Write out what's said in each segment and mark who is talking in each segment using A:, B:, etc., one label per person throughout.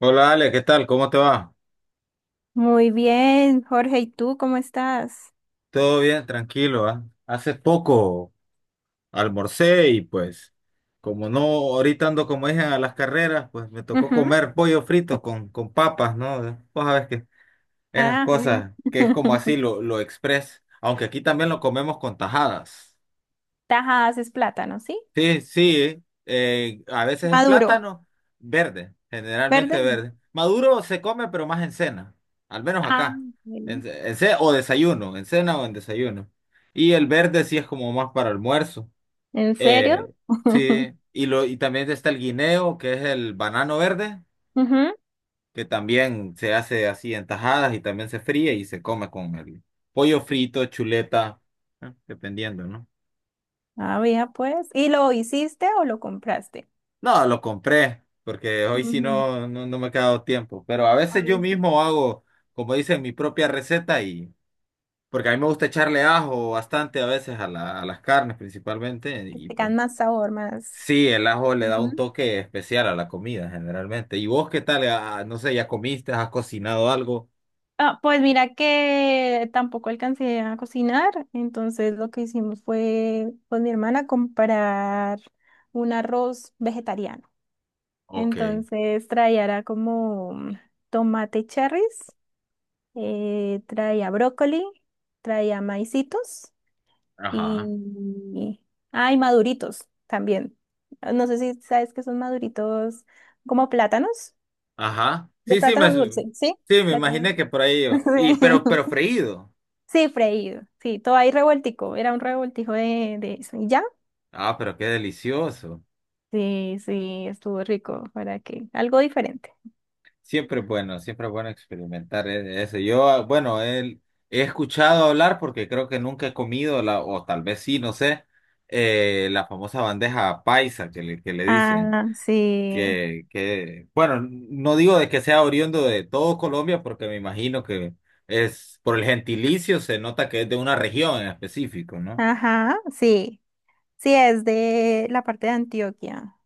A: Hola Ale, ¿qué tal? ¿Cómo te va?
B: Muy bien, Jorge, ¿y tú cómo estás?
A: Todo bien, tranquilo, Hace poco almorcé y pues como no, ahorita ando como dije a las carreras, pues me tocó
B: Ujú.
A: comer pollo frito con papas, ¿no? Vos sabés que esas
B: Ah, bueno.
A: cosas que es como así lo express, aunque aquí también lo comemos con tajadas.
B: Tajas es plátano, ¿sí?
A: Sí, sí, a veces es
B: Maduro,
A: plátano verde,
B: verde.
A: generalmente verde. Maduro se come, pero más en cena, al menos
B: Ah,
A: acá.
B: bueno.
A: O desayuno, en cena o en desayuno. Y el verde sí es como más para almuerzo.
B: ¿En serio?
A: Eh, sí, y también está el guineo, que es el banano verde,
B: Ujú.
A: que también se hace así en tajadas y también se fríe y se come con el pollo frito, chuleta, dependiendo, ¿no?
B: Ah, mira, pues. ¿Y lo hiciste o lo compraste?
A: No, lo compré, porque hoy sí
B: Ujú,
A: no me ha quedado tiempo. Pero a veces yo
B: ay, sí.
A: mismo hago, como dicen, mi propia receta y porque a mí me gusta echarle ajo bastante a veces a a las carnes principalmente.
B: Que
A: Y pues
B: tengan más sabor, más.
A: sí, el ajo le da un
B: Ujú.
A: toque especial a la comida generalmente. ¿Y vos qué tal? Ah, no sé, ¿ya comiste? ¿Has cocinado algo?
B: Ah, pues mira que tampoco alcancé a cocinar, entonces lo que hicimos fue con mi hermana comprar un arroz vegetariano.
A: Ok,
B: Entonces traía era como tomate cherries, traía brócoli, traía maicitos
A: ajá.
B: y... ah y maduritos también. No sé si sabes que son maduritos como plátanos,
A: Ajá.
B: de
A: Sí, sí,
B: plátano dulce,
A: sí,
B: ¿sí?
A: me
B: Plátano.
A: imaginé que por ahí
B: Sí,
A: iba. Y, pero freído.
B: Sí, freído, sí, todo ahí revueltico, era un revoltijo de eso. ¿Y ya?
A: Ah, pero qué delicioso.
B: Sí, sí, estuvo rico, para que algo diferente.
A: Siempre es bueno experimentar eso. Yo, ah, bueno, él, He escuchado hablar porque creo que nunca he comido, la, o tal vez sí, no sé, la famosa bandeja paisa que le dicen.
B: Ah, sí,
A: Bueno, no digo de que sea oriundo de todo Colombia porque me imagino que es por el gentilicio, se nota que es de una región en específico, ¿no?
B: ajá, sí. Sí, es de la parte de Antioquia.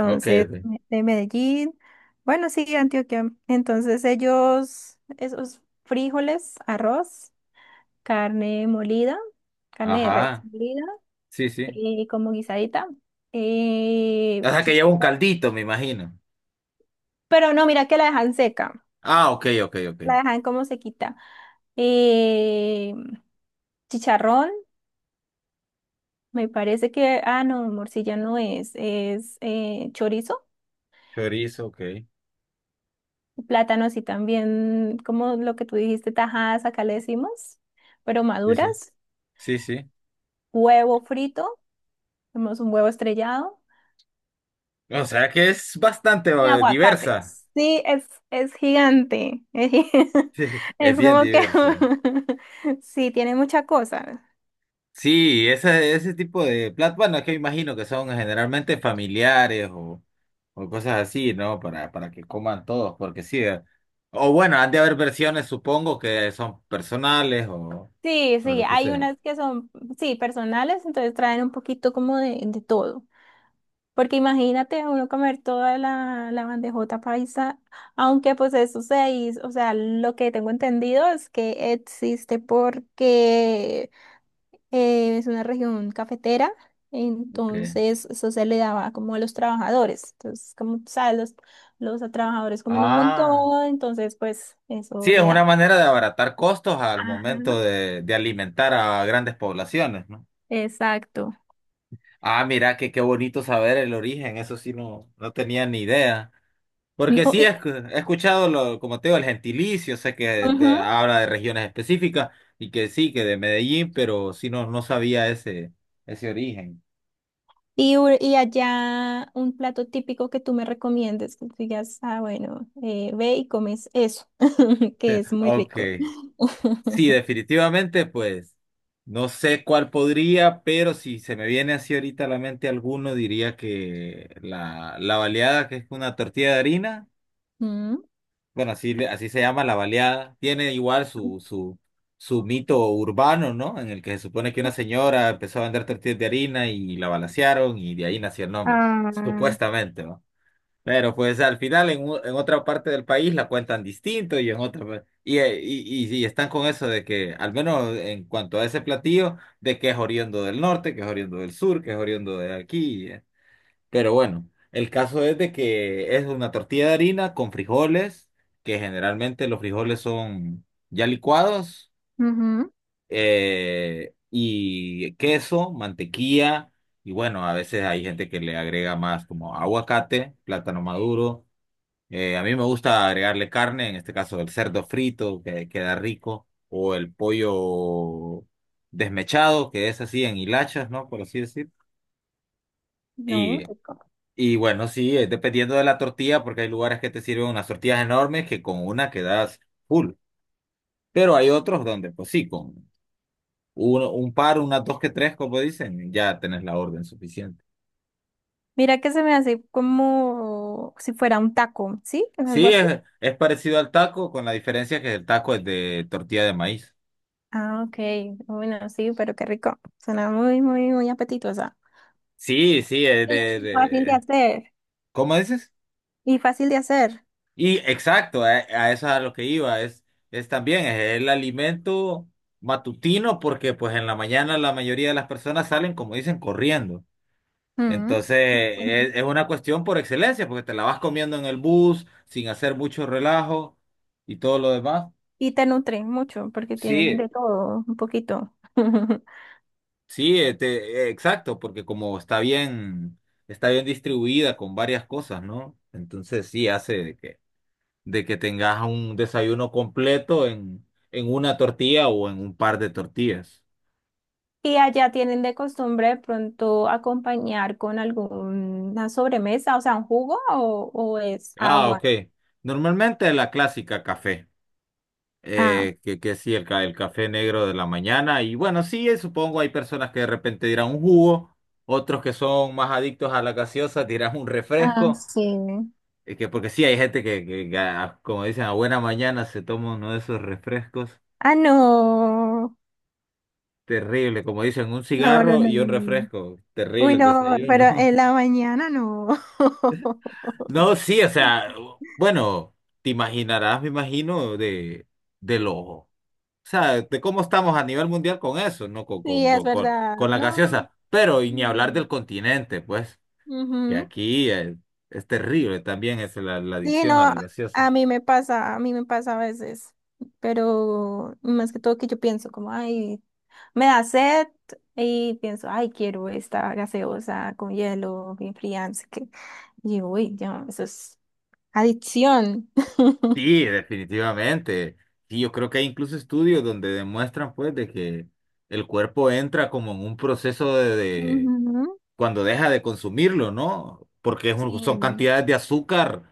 A: Ok, ok.
B: de Medellín. Bueno, sí, Antioquia. Entonces, ellos, esos frijoles, arroz, carne molida, carne de res
A: Ajá,
B: molida,
A: sí, sí.
B: como guisadita,
A: O sea que lleva un
B: chicharrón.
A: caldito, me imagino.
B: Pero no, mira que la dejan seca.
A: Ah, ok, ok, ok.
B: La dejan como sequita. Eh, chicharrón, me parece que, ah, no, morcilla no es, es chorizo.
A: Chorizo, ok.
B: Plátanos y también, como lo que tú dijiste, tajadas, acá le decimos, pero
A: Sí, sí.
B: maduras,
A: Sí, sí.
B: huevo frito, tenemos un huevo estrellado
A: O sea que es bastante
B: y
A: diversa.
B: aguacates. Sí, es gigante. Es,
A: Sí, es bien
B: como que
A: diversa.
B: sí, tiene mucha cosa.
A: Sí, ese tipo de platos, bueno, es que imagino que son generalmente familiares o cosas así, ¿no? Para que coman todos, porque sí. O bueno, han de haber versiones, supongo, que son personales
B: Sí,
A: o
B: sí,
A: lo que
B: hay
A: sea.
B: unas que son, sí, personales, entonces traen un poquito como de todo. Porque imagínate uno comer toda la bandejota paisa, aunque pues eso se hizo, o sea, lo que tengo entendido es que existe porque es una región cafetera,
A: Okay.
B: entonces eso se le daba como a los trabajadores, entonces como tú sabes, los trabajadores comen un
A: Ah,
B: montón, entonces pues
A: sí,
B: eso
A: es
B: le
A: una
B: da.
A: manera de abaratar costos al momento
B: Ajá,
A: de alimentar a grandes poblaciones, ¿no?
B: exacto.
A: Ah, mira, que qué bonito saber el origen, eso sí no, no tenía ni idea. Porque
B: No.
A: sí, he escuchado, lo, como te digo, el gentilicio, sé que
B: Ujú.
A: habla de regiones específicas y que sí, que de Medellín, pero sí no, no sabía ese origen.
B: Y allá un plato típico que tú me recomiendes, que digas, ah, bueno, ve y comes eso, que es muy
A: Ok,
B: rico.
A: sí, definitivamente, pues no sé cuál podría, pero si se me viene así ahorita a la mente alguno, diría que la baleada, que es una tortilla de harina.
B: Mm.
A: Bueno, así, así se llama la baleada. Tiene igual su mito urbano, ¿no? En el que se supone que una señora empezó a vender tortillas de harina y la balacearon y de ahí nació el nombre,
B: Ah,
A: supuestamente, ¿no? Pero pues al final en otra parte del país la cuentan distinto y en otra... y están con eso de que, al menos en cuanto a ese platillo, de que es oriundo del norte, que es oriundo del sur, que es oriundo de aquí. Pero bueno, el caso es de que es una tortilla de harina con frijoles, que generalmente los frijoles son ya licuados,
B: ujú.
A: y queso, mantequilla, y bueno, a veces hay gente que le agrega más como aguacate, plátano maduro. A mí me gusta agregarle carne, en este caso el cerdo frito, que queda rico, o el pollo desmechado, que es así en hilachas, ¿no? Por así decir.
B: No,
A: Y
B: rico.
A: y bueno, sí, dependiendo de la tortilla, porque hay lugares que te sirven unas tortillas enormes que con una quedas full. Pero hay otros donde, pues sí, con uno, un par, unas dos que tres, como dicen, ya tenés la orden suficiente.
B: Mira que se me hace como si fuera un taco, ¿sí? ¿Es algo
A: Sí,
B: así?
A: es parecido al taco, con la diferencia que el taco es de tortilla de maíz.
B: Ah, ok. Bueno, sí, pero qué rico. Suena muy, muy, muy apetitosa.
A: Sí, sí,
B: Y fácil de hacer.
A: ¿cómo dices?
B: Y fácil de hacer.
A: Y exacto, a eso es a lo que iba, es también es el alimento matutino, porque pues en la mañana la mayoría de las personas salen, como dicen, corriendo.
B: Mm.
A: Entonces, es una cuestión por excelencia, porque te la vas comiendo en el bus, sin hacer mucho relajo y todo lo demás.
B: Y te nutren mucho porque tienen
A: Sí,
B: de todo, un poquito.
A: sí, exacto, porque como está bien distribuida con varias cosas, ¿no? Entonces sí hace de que tengas un desayuno completo en una tortilla o en un par de tortillas.
B: Y allá tienen de costumbre de pronto acompañar con alguna sobremesa, o sea, un jugo o, es
A: Ah, ok.
B: agua.
A: Normalmente la clásica café.
B: Ah,
A: Que sí, el café negro de la mañana. Y bueno, sí, supongo hay personas que de repente dirán un jugo, otros que son más adictos a la gaseosa dirán un
B: ah,
A: refresco.
B: sí.
A: Es que, porque sí, hay gente que, que como dicen, a buena mañana se toma uno de esos refrescos.
B: Ah, no.
A: Terrible, como dicen, un
B: No, no,
A: cigarro y un
B: no.
A: refresco.
B: Uy,
A: Terrible el
B: no, pero
A: desayuno.
B: en la mañana no.
A: No, sí, o sea, bueno, te imaginarás, me imagino, de los o sea, de cómo estamos a nivel mundial con eso, ¿no? Con,
B: Sí,
A: con,
B: es
A: con, con,
B: verdad.
A: con la
B: No.
A: gaseosa. Pero, y ni hablar
B: Mm,
A: del continente, pues, que
B: ujú.
A: aquí terrible también es la
B: Sí,
A: adicción a
B: no,
A: la gaseosa.
B: a mí me pasa, a mí me pasa a veces, pero más que todo que yo pienso como, ay, me da sed y pienso, ay, quiero esta gaseosa con hielo, bien fría, no sé qué. Y yo, uy, ya, eso es adicción.
A: Sí, definitivamente. Sí, yo creo que hay incluso estudios donde demuestran, pues, de que el cuerpo entra como en un proceso
B: Ujú,
A: cuando deja de consumirlo, ¿no? Porque son
B: Sí,
A: cantidades de azúcar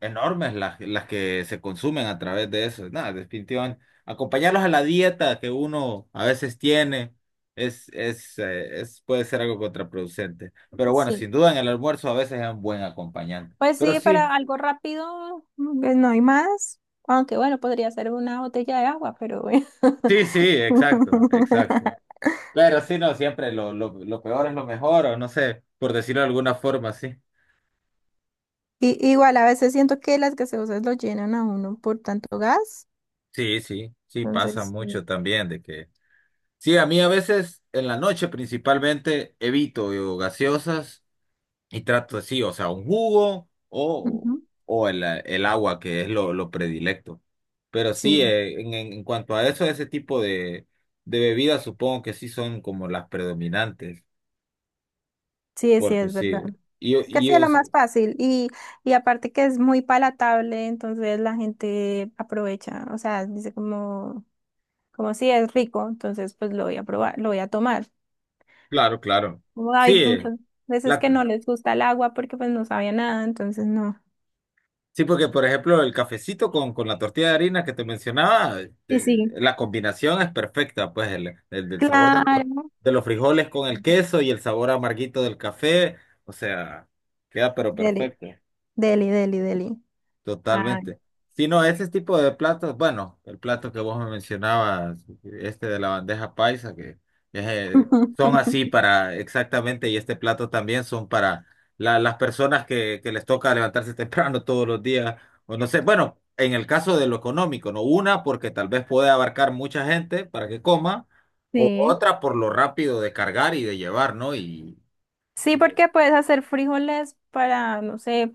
A: enormes las que se consumen a través de eso. Nada, definitivamente. Acompañarlos a la dieta que uno a veces tiene es, puede ser algo contraproducente. Pero bueno,
B: sí.
A: sin duda en el almuerzo a veces es un buen acompañante.
B: Pues
A: Pero
B: sí,
A: sí,
B: para algo rápido, pues no hay más, aunque bueno, podría ser una botella de agua, pero bueno.
A: sí, sí, exacto, exacto. Pero sí, no, siempre lo peor es lo mejor, o no sé, por decirlo de alguna forma, sí.
B: Y, igual a veces siento que las gaseosas lo llenan a uno por tanto gas.
A: Sí, sí, sí, pasa
B: Entonces,
A: mucho
B: sí,
A: también de que... Sí, a mí a veces en la noche principalmente evito yo, gaseosas. Y trato así, o sea, un jugo o,
B: ujú,
A: el agua, que es lo predilecto. Pero sí,
B: sí,
A: en cuanto a eso, ese tipo de bebidas supongo que sí son como las predominantes,
B: sí, sí,
A: porque
B: es verdad.
A: sí, y,
B: Que
A: y
B: sea lo
A: es-
B: más fácil y, aparte que es muy palatable, entonces la gente aprovecha, o sea, dice como si es rico, entonces pues lo voy a probar, lo voy a tomar.
A: claro, claro.
B: Como hay
A: Sí,
B: muchas veces
A: la,
B: que no les gusta el agua porque pues no sabía nada, entonces no.
A: sí, porque por ejemplo el cafecito con la tortilla de harina que te mencionaba, eh,
B: Sí, sí,
A: la combinación es perfecta, pues del sabor
B: claro.
A: de los frijoles con el queso y el sabor amarguito del café, o sea, queda pero
B: Deli,
A: perfecto.
B: deli, deli, deli. Ay.
A: Totalmente. Si no, ese tipo de platos, bueno, el plato que vos me mencionabas, este de la bandeja paisa, que es, son así para exactamente, y este plato también son para las personas que les toca levantarse temprano todos los días, o no sé, bueno, en el caso de lo económico, ¿no? Una, porque tal vez puede abarcar mucha gente para que coma, o
B: Sí.
A: otra por lo rápido de cargar y de llevar, ¿no?
B: Sí,
A: Y de-
B: porque puedes hacer frijoles para, no sé,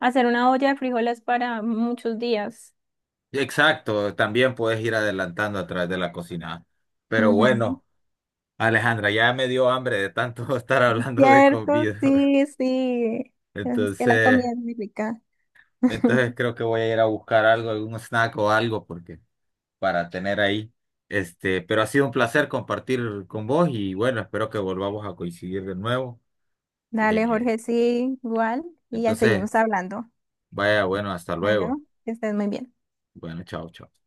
B: hacer una olla de frijoles para muchos días.
A: exacto, también puedes ir adelantando a través de la cocina. Pero
B: Ujú.
A: bueno. Alejandra, ya me dio hambre de tanto estar
B: Es
A: hablando de
B: cierto,
A: comida.
B: sí, sí. Es que la
A: Entonces,
B: comida es muy rica.
A: entonces creo que voy a ir a buscar algo, algún snack o algo porque para tener ahí. Este, pero ha sido un placer compartir con vos y bueno, espero que volvamos a coincidir de nuevo.
B: Dale,
A: Eh,
B: Jorge, sí, igual. Y ya
A: entonces,
B: seguimos hablando.
A: vaya, bueno, hasta luego.
B: Bueno, que estés muy bien.
A: Bueno, chao, chao.